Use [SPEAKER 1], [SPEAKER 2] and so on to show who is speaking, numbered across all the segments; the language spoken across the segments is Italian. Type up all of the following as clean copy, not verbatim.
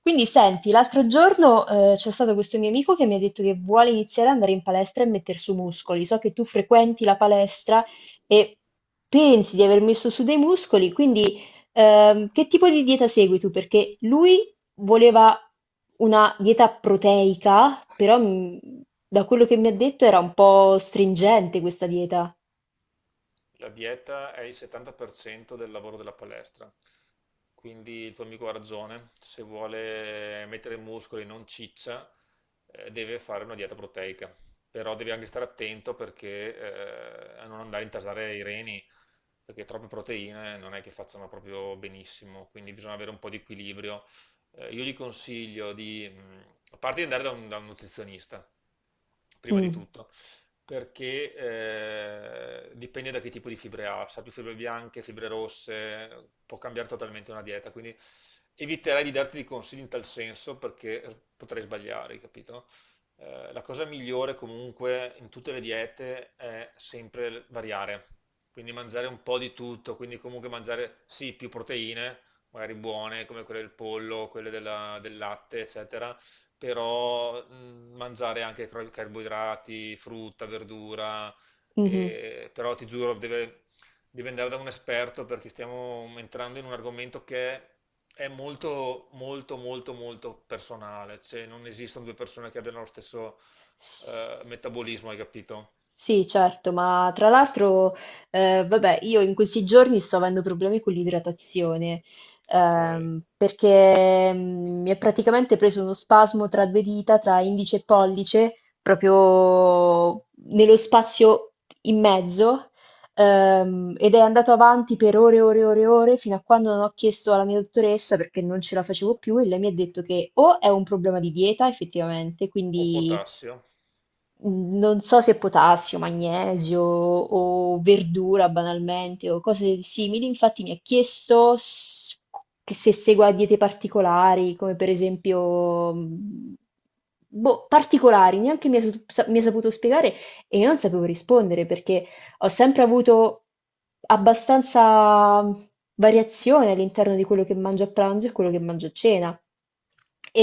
[SPEAKER 1] Quindi senti, l'altro giorno, c'è stato questo mio amico che mi ha detto che vuole iniziare ad andare in palestra e metter su muscoli. So che tu frequenti la palestra e pensi di aver messo su dei muscoli, quindi, che tipo di dieta segui tu? Perché lui voleva una dieta proteica, però da quello che mi ha detto era un po' stringente questa dieta.
[SPEAKER 2] La dieta è il 70% del lavoro della palestra, quindi il tuo amico ha ragione, se vuole mettere muscoli e non ciccia, deve fare una dieta proteica, però deve anche stare attento perché, a non andare a intasare i reni, perché troppe proteine non è che facciano proprio benissimo, quindi bisogna avere un po' di equilibrio. Io gli consiglio di, a parte di andare da un nutrizionista, prima di
[SPEAKER 1] Mm.
[SPEAKER 2] tutto perché dipende da che tipo di fibre ha, se ha più fibre bianche, fibre rosse, può cambiare totalmente una dieta, quindi eviterei di darti dei consigli in tal senso perché potrei sbagliare, capito? La cosa migliore comunque in tutte le diete è sempre variare, quindi mangiare un po' di tutto, quindi comunque mangiare sì più proteine, magari buone come quelle del pollo, del latte, eccetera. Però mangiare anche carboidrati, frutta, verdura,
[SPEAKER 1] Mhm.
[SPEAKER 2] però ti giuro, deve andare da un esperto perché stiamo entrando in un argomento che è molto, molto, molto, molto personale, cioè non esistono due persone che abbiano lo stesso metabolismo, hai capito?
[SPEAKER 1] Sì, certo, ma tra l'altro, vabbè, io in questi giorni sto avendo problemi con l'idratazione,
[SPEAKER 2] Ok.
[SPEAKER 1] perché mi è praticamente preso uno spasmo tra due dita, tra indice e pollice, proprio nello spazio in mezzo, ed è andato avanti per ore e ore e ore e ore, fino a quando non ho chiesto alla mia dottoressa perché non ce la facevo più e lei mi ha detto che o è un problema di dieta, effettivamente,
[SPEAKER 2] O
[SPEAKER 1] quindi
[SPEAKER 2] potassio.
[SPEAKER 1] mhmm, non so se potassio, magnesio o verdura banalmente o cose simili. Infatti mi ha chiesto s che se segua diete particolari, come per esempio, boh, particolari, neanche mi ha saputo spiegare e io non sapevo rispondere perché ho sempre avuto abbastanza variazione all'interno di quello che mangio a pranzo e quello che mangio a cena.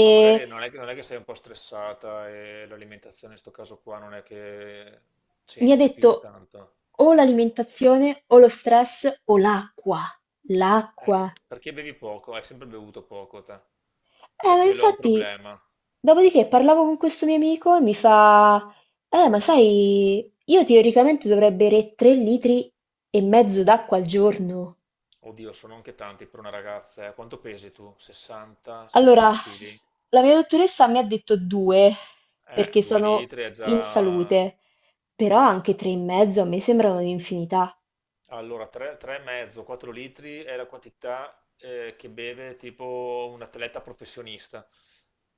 [SPEAKER 2] Ma magari non è che, non è che sei un po' stressata e l'alimentazione in questo caso qua non è che
[SPEAKER 1] mi ha
[SPEAKER 2] c'entri più di
[SPEAKER 1] detto
[SPEAKER 2] tanto.
[SPEAKER 1] o l'alimentazione o lo stress o l'acqua,
[SPEAKER 2] Eh,
[SPEAKER 1] l'acqua.
[SPEAKER 2] Perché bevi poco? Hai sempre bevuto poco te. E
[SPEAKER 1] Ma
[SPEAKER 2] quello è un
[SPEAKER 1] infatti,
[SPEAKER 2] problema.
[SPEAKER 1] dopodiché parlavo con questo mio amico e mi fa, ma sai, io teoricamente dovrei bere 3 litri e mezzo d'acqua al giorno.
[SPEAKER 2] Oddio, sono anche tanti per una ragazza. Quanto pesi tu? 60,
[SPEAKER 1] Allora,
[SPEAKER 2] 70 kg?
[SPEAKER 1] la mia dottoressa mi ha detto 2 perché
[SPEAKER 2] 2
[SPEAKER 1] sono
[SPEAKER 2] litri è
[SPEAKER 1] in
[SPEAKER 2] già...
[SPEAKER 1] salute, però anche 3 e mezzo a me sembrano un'infinità.
[SPEAKER 2] Allora, 3,5, 4 litri è la quantità che beve tipo un atleta professionista,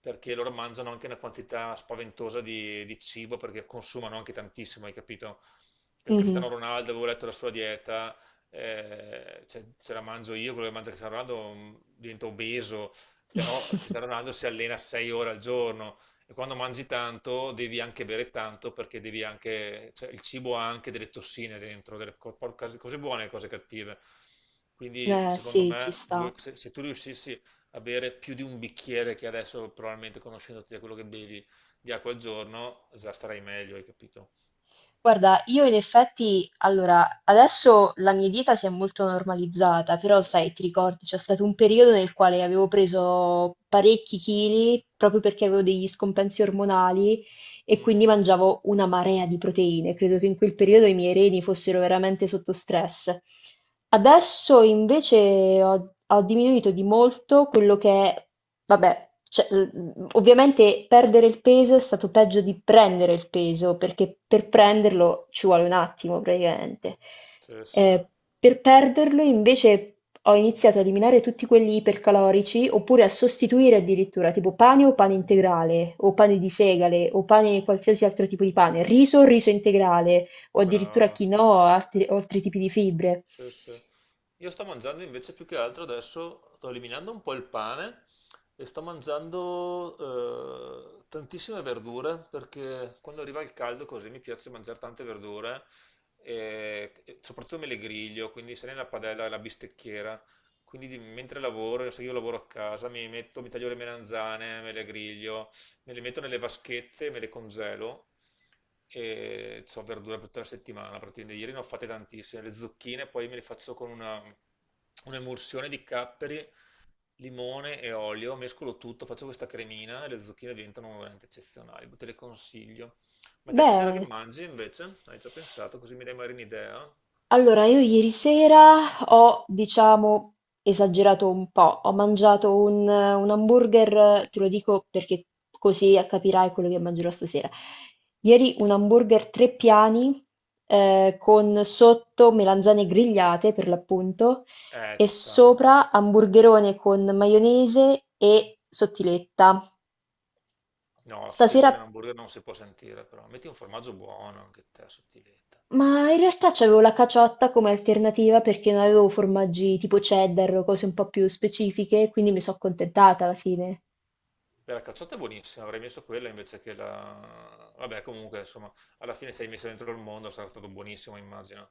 [SPEAKER 2] perché loro mangiano anche una quantità spaventosa di cibo, perché consumano anche tantissimo, hai capito? Cristiano
[SPEAKER 1] Mhm.
[SPEAKER 2] Ronaldo, avevo letto la sua dieta, cioè, ce la mangio io, quello che mangia Cristiano Ronaldo diventa obeso, però Cristiano Ronaldo si allena 6 ore al giorno. E quando mangi tanto devi anche bere tanto perché devi anche, cioè, il cibo ha anche delle tossine dentro, delle cose buone e cose cattive. Quindi secondo
[SPEAKER 1] Sì, ci
[SPEAKER 2] me
[SPEAKER 1] sta.
[SPEAKER 2] se tu riuscissi a bere più di un bicchiere che adesso probabilmente conoscendoti da quello che bevi di acqua al giorno, già starai meglio, hai capito?
[SPEAKER 1] Guarda, io in effetti, allora, adesso la mia dieta si è molto normalizzata, però sai, ti ricordi, c'è stato un periodo nel quale avevo preso parecchi chili proprio perché avevo degli scompensi ormonali e quindi
[SPEAKER 2] Mm,
[SPEAKER 1] mangiavo una marea di proteine. Credo che in quel periodo i miei reni fossero veramente sotto stress. Adesso invece ho diminuito di molto quello che è, vabbè, cioè, ovviamente perdere il peso è stato peggio di prendere il peso, perché per prenderlo ci vuole un attimo praticamente.
[SPEAKER 2] sì, sì.
[SPEAKER 1] Ehm, per perderlo invece ho iniziato a eliminare tutti quelli ipercalorici, oppure a sostituire addirittura, tipo pane o pane integrale, o pane di segale, o pane qualsiasi altro tipo di pane,
[SPEAKER 2] Mm,
[SPEAKER 1] riso o riso integrale, o addirittura
[SPEAKER 2] brava.
[SPEAKER 1] quinoa o altri tipi di fibre.
[SPEAKER 2] Sì, sì. Io sto mangiando invece più che altro adesso, sto eliminando un po' il pane e sto mangiando tantissime verdure perché quando arriva il caldo così mi piace mangiare tante verdure e soprattutto me le griglio, quindi se ne la padella e la bistecchiera. Mentre lavoro, se io lavoro a casa, mi metto, mi taglio le melanzane, me le griglio, me le metto nelle vaschette, me le congelo e ho verdura per tutta la settimana. Praticamente ieri ne ho fatte tantissime. Le zucchine poi me le faccio con un'emulsione di capperi, limone e olio, mescolo tutto, faccio questa cremina e le zucchine diventano veramente eccezionali. Te le consiglio. Ma te stasera che
[SPEAKER 1] Beh.
[SPEAKER 2] mangi invece? Hai già pensato? Così mi dai magari un'idea?
[SPEAKER 1] Allora, io ieri sera ho, diciamo, esagerato un po', ho mangiato un hamburger, te lo dico perché così capirai quello che mangerò stasera. Ieri un hamburger tre piani, con sotto melanzane grigliate per l'appunto, e
[SPEAKER 2] Ci stanno.
[SPEAKER 1] sopra hamburgerone con maionese e sottiletta.
[SPEAKER 2] No, la
[SPEAKER 1] Stasera
[SPEAKER 2] sottiletta nell'hamburger non si può sentire, però metti un formaggio buono anche te, sottiletta.
[SPEAKER 1] Ma in realtà c'avevo la caciotta come alternativa perché non avevo formaggi tipo cheddar o cose un po' più specifiche, quindi mi sono accontentata alla fine.
[SPEAKER 2] Beh, la cacciata è buonissima, avrei messo quella invece che la... Vabbè, comunque, insomma, alla fine sei messo dentro il mondo, sarà stato buonissimo, immagino.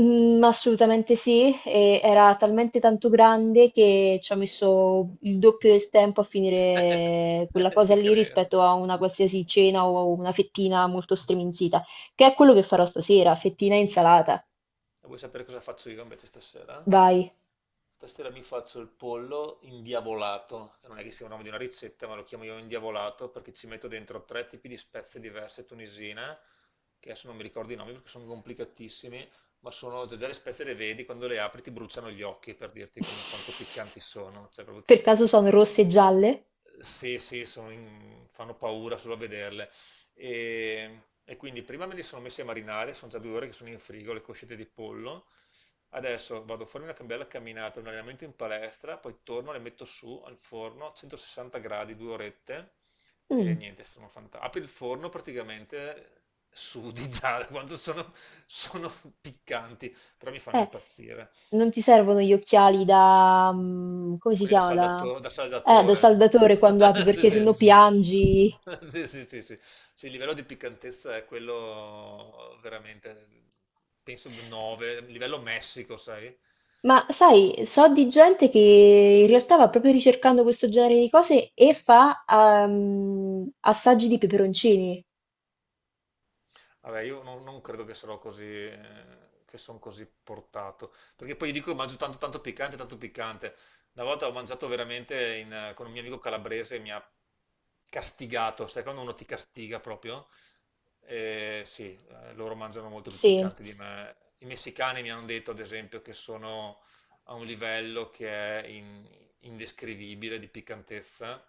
[SPEAKER 1] Mm, assolutamente sì, e era talmente tanto grande che ci ho messo il doppio del tempo a finire quella cosa
[SPEAKER 2] Ti
[SPEAKER 1] lì
[SPEAKER 2] credo.
[SPEAKER 1] rispetto a una qualsiasi cena o una fettina molto striminzita, che è
[SPEAKER 2] Eh
[SPEAKER 1] quello
[SPEAKER 2] sì.
[SPEAKER 1] che farò stasera, fettina e insalata.
[SPEAKER 2] E vuoi sapere cosa faccio io invece stasera?
[SPEAKER 1] Vai.
[SPEAKER 2] Stasera mi faccio il pollo indiavolato, che non è che sia un nome di una ricetta, ma lo chiamo io indiavolato perché ci metto dentro tre tipi di spezie diverse tunisine, che adesso non mi ricordo i nomi perché sono complicatissimi, ma sono già le spezie le vedi, quando le apri ti bruciano gli occhi per dirti quanto piccanti sono, cioè proprio
[SPEAKER 1] Per
[SPEAKER 2] ti-
[SPEAKER 1] caso sono rosse e gialle?
[SPEAKER 2] Sì, sì, sono fanno paura solo a vederle. E quindi prima me li sono messi a marinare, sono già 2 ore che sono in frigo, le coscette di pollo. Adesso vado a farmi una bella camminata, un allenamento in palestra, poi torno, le metto su al forno a 160 gradi, 2 orette e
[SPEAKER 1] Mm.
[SPEAKER 2] niente, sono fantastico. Apri il forno praticamente sudi già da quanto sono, sono piccanti, però mi fanno
[SPEAKER 1] Eh,
[SPEAKER 2] impazzire.
[SPEAKER 1] non ti servono gli occhiali da, come si
[SPEAKER 2] Quelli
[SPEAKER 1] chiama? Da,
[SPEAKER 2] da
[SPEAKER 1] eh, da
[SPEAKER 2] saldatore.
[SPEAKER 1] saldatore quando apri,
[SPEAKER 2] Sì,
[SPEAKER 1] perché
[SPEAKER 2] sì.
[SPEAKER 1] sennò piangi.
[SPEAKER 2] Sì, sì, sì, sì. Sì, il livello di piccantezza è quello veramente, penso 9, livello Messico, sai?
[SPEAKER 1] Ma sai, so di gente che in realtà va proprio ricercando questo genere di cose e fa assaggi di peperoncini.
[SPEAKER 2] Vabbè, io non, non credo che sarò così, che sono così portato, perché poi io dico mangio tanto, tanto piccante, tanto piccante. Una volta ho mangiato veramente con un mio amico calabrese, e mi ha castigato, sai quando uno ti castiga proprio? Sì, loro mangiano molto più
[SPEAKER 1] Sì.
[SPEAKER 2] piccante di me. I messicani mi hanno detto, ad esempio, che sono a un livello che è indescrivibile di piccantezza,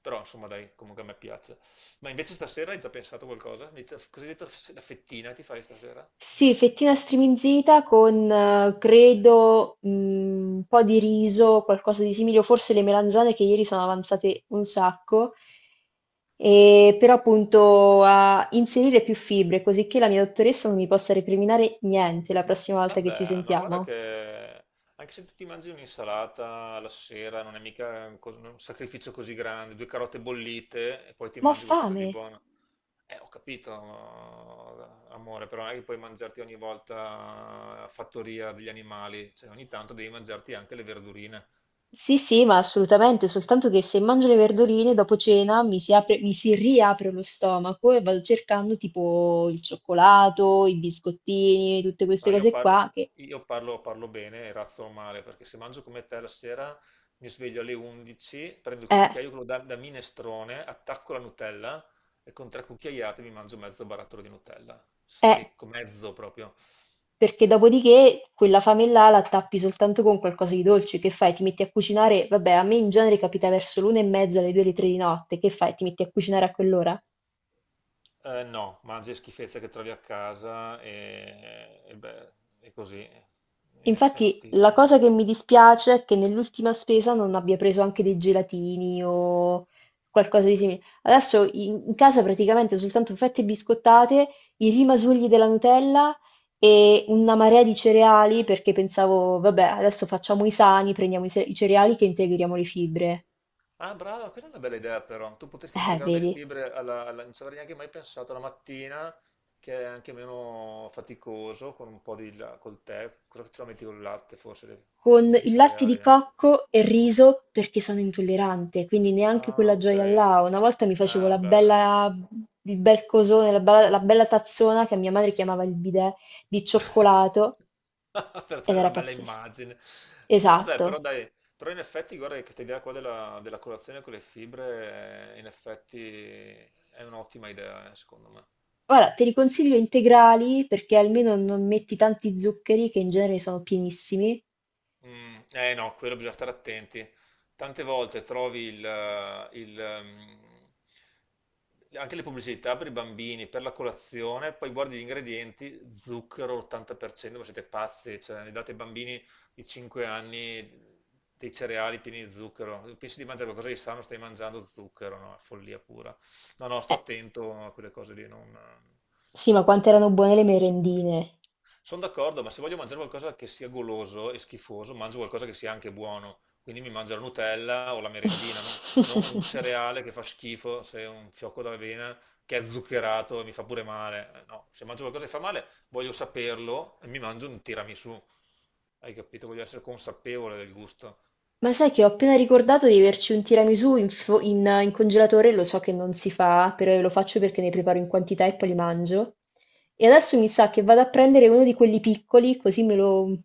[SPEAKER 2] però insomma dai, comunque a me piace. Ma invece stasera hai già pensato a qualcosa? Cosa hai detto? La fettina ti fai stasera?
[SPEAKER 1] Sì, fettina striminzita con, credo, un po' di riso, qualcosa di simile, o forse le melanzane che ieri sono avanzate un sacco, e però appunto a inserire più fibre, così che la mia dottoressa non mi possa recriminare niente la prossima volta che ci
[SPEAKER 2] Vabbè, ma guarda
[SPEAKER 1] sentiamo.
[SPEAKER 2] che anche se tu ti mangi un'insalata la sera non è mica un sacrificio così grande, due carote bollite e poi ti
[SPEAKER 1] Ma ho
[SPEAKER 2] mangi qualcosa
[SPEAKER 1] fame!
[SPEAKER 2] di buono. Ho capito, ma- amore, però non è che puoi mangiarti ogni volta la fattoria degli animali, cioè ogni tanto devi mangiarti anche le verdurine.
[SPEAKER 1] Sì, sì, ma assolutamente, soltanto che se mangio le verdurine dopo cena mi si apre, mi si riapre lo stomaco e vado cercando tipo il cioccolato, i biscottini, tutte queste
[SPEAKER 2] No,
[SPEAKER 1] cose qua che
[SPEAKER 2] io parlo bene e razzo male, perché se mangio come te la sera mi sveglio alle 11, prendo il
[SPEAKER 1] eh,
[SPEAKER 2] cucchiaio quello da minestrone, attacco la Nutella e con 3 cucchiaiate mi mangio mezzo barattolo di Nutella.
[SPEAKER 1] eh,
[SPEAKER 2] Stecco, mezzo proprio.
[SPEAKER 1] perché dopodiché quella fame là la tappi soltanto con qualcosa di dolce, che fai? Ti metti a cucinare, vabbè, a me in genere capita verso l'una e mezza, alle due, alle tre di notte, che fai? Ti metti a cucinare a quell'ora?
[SPEAKER 2] No, mangi schifezze che trovi a casa e beh, è così. In
[SPEAKER 1] Infatti la
[SPEAKER 2] effetti.
[SPEAKER 1] cosa che mi dispiace è che nell'ultima spesa non abbia preso anche dei gelatini o qualcosa di simile. Adesso in casa praticamente soltanto fette biscottate, i rimasugli della Nutella e una marea di cereali perché pensavo, vabbè, adesso facciamo i sani, prendiamo i, se- i cereali che integriamo le fibre.
[SPEAKER 2] Ah, brava, quella è una bella idea però. Tu potresti integrare le
[SPEAKER 1] Vedi?
[SPEAKER 2] fibre non ci avrei neanche mai pensato alla mattina, che è anche meno faticoso, con un po' col tè. Cosa ce la metti col latte, forse,
[SPEAKER 1] Con
[SPEAKER 2] i
[SPEAKER 1] il latte
[SPEAKER 2] cereali,
[SPEAKER 1] di
[SPEAKER 2] eh?
[SPEAKER 1] cocco e riso perché sono intollerante, quindi neanche
[SPEAKER 2] Ah,
[SPEAKER 1] quella
[SPEAKER 2] ok.
[SPEAKER 1] gioia là. Una volta mi facevo
[SPEAKER 2] Ah,
[SPEAKER 1] la
[SPEAKER 2] vabbè, dai.
[SPEAKER 1] bella, il bel cosone, la bella tazzona che mia madre chiamava il bidet di cioccolato
[SPEAKER 2] Per
[SPEAKER 1] ed
[SPEAKER 2] dare
[SPEAKER 1] era
[SPEAKER 2] una bella
[SPEAKER 1] pazzesco.
[SPEAKER 2] immagine. Vabbè, però
[SPEAKER 1] Esatto.
[SPEAKER 2] dai, però in effetti guarda che questa idea qua della colazione con le fibre, in effetti è un'ottima idea, secondo me.
[SPEAKER 1] Ora te li consiglio integrali perché almeno non metti tanti zuccheri che in genere sono pienissimi.
[SPEAKER 2] Mm, no, quello bisogna stare attenti. Tante volte trovi anche le pubblicità per i bambini, per la colazione, poi guardi gli ingredienti, zucchero 80%, ma siete pazzi, cioè gli date ai bambini di 5 anni dei cereali pieni di zucchero. Pensi di mangiare qualcosa di sano, stai mangiando zucchero, no? Follia pura. No, no, sto
[SPEAKER 1] Eh,
[SPEAKER 2] attento a quelle cose lì, non...
[SPEAKER 1] sì, ma quante erano buone le merendine.
[SPEAKER 2] Sono d'accordo, ma se voglio mangiare qualcosa che sia goloso e schifoso, mangio qualcosa che sia anche buono. Quindi mi mangio la Nutella o la merendina, no? Non un cereale che fa schifo, se è un fiocco d'avena che è zuccherato e mi fa pure male. No, se mangio qualcosa che fa male, voglio saperlo e mi mangio un tiramisù. Hai capito? Voglio essere consapevole del gusto.
[SPEAKER 1] Ma sai che ho appena ricordato di averci un tiramisù in congelatore, lo so che non si fa, però lo faccio perché ne preparo in quantità e poi li mangio. E adesso mi sa che vado a prendere uno di quelli piccoli, così me lo...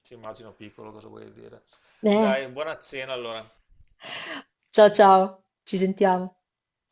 [SPEAKER 2] Ci immagino piccolo cosa vuoi dire.
[SPEAKER 1] Eh.
[SPEAKER 2] Dai, buona cena allora.
[SPEAKER 1] Ciao ciao, ci sentiamo.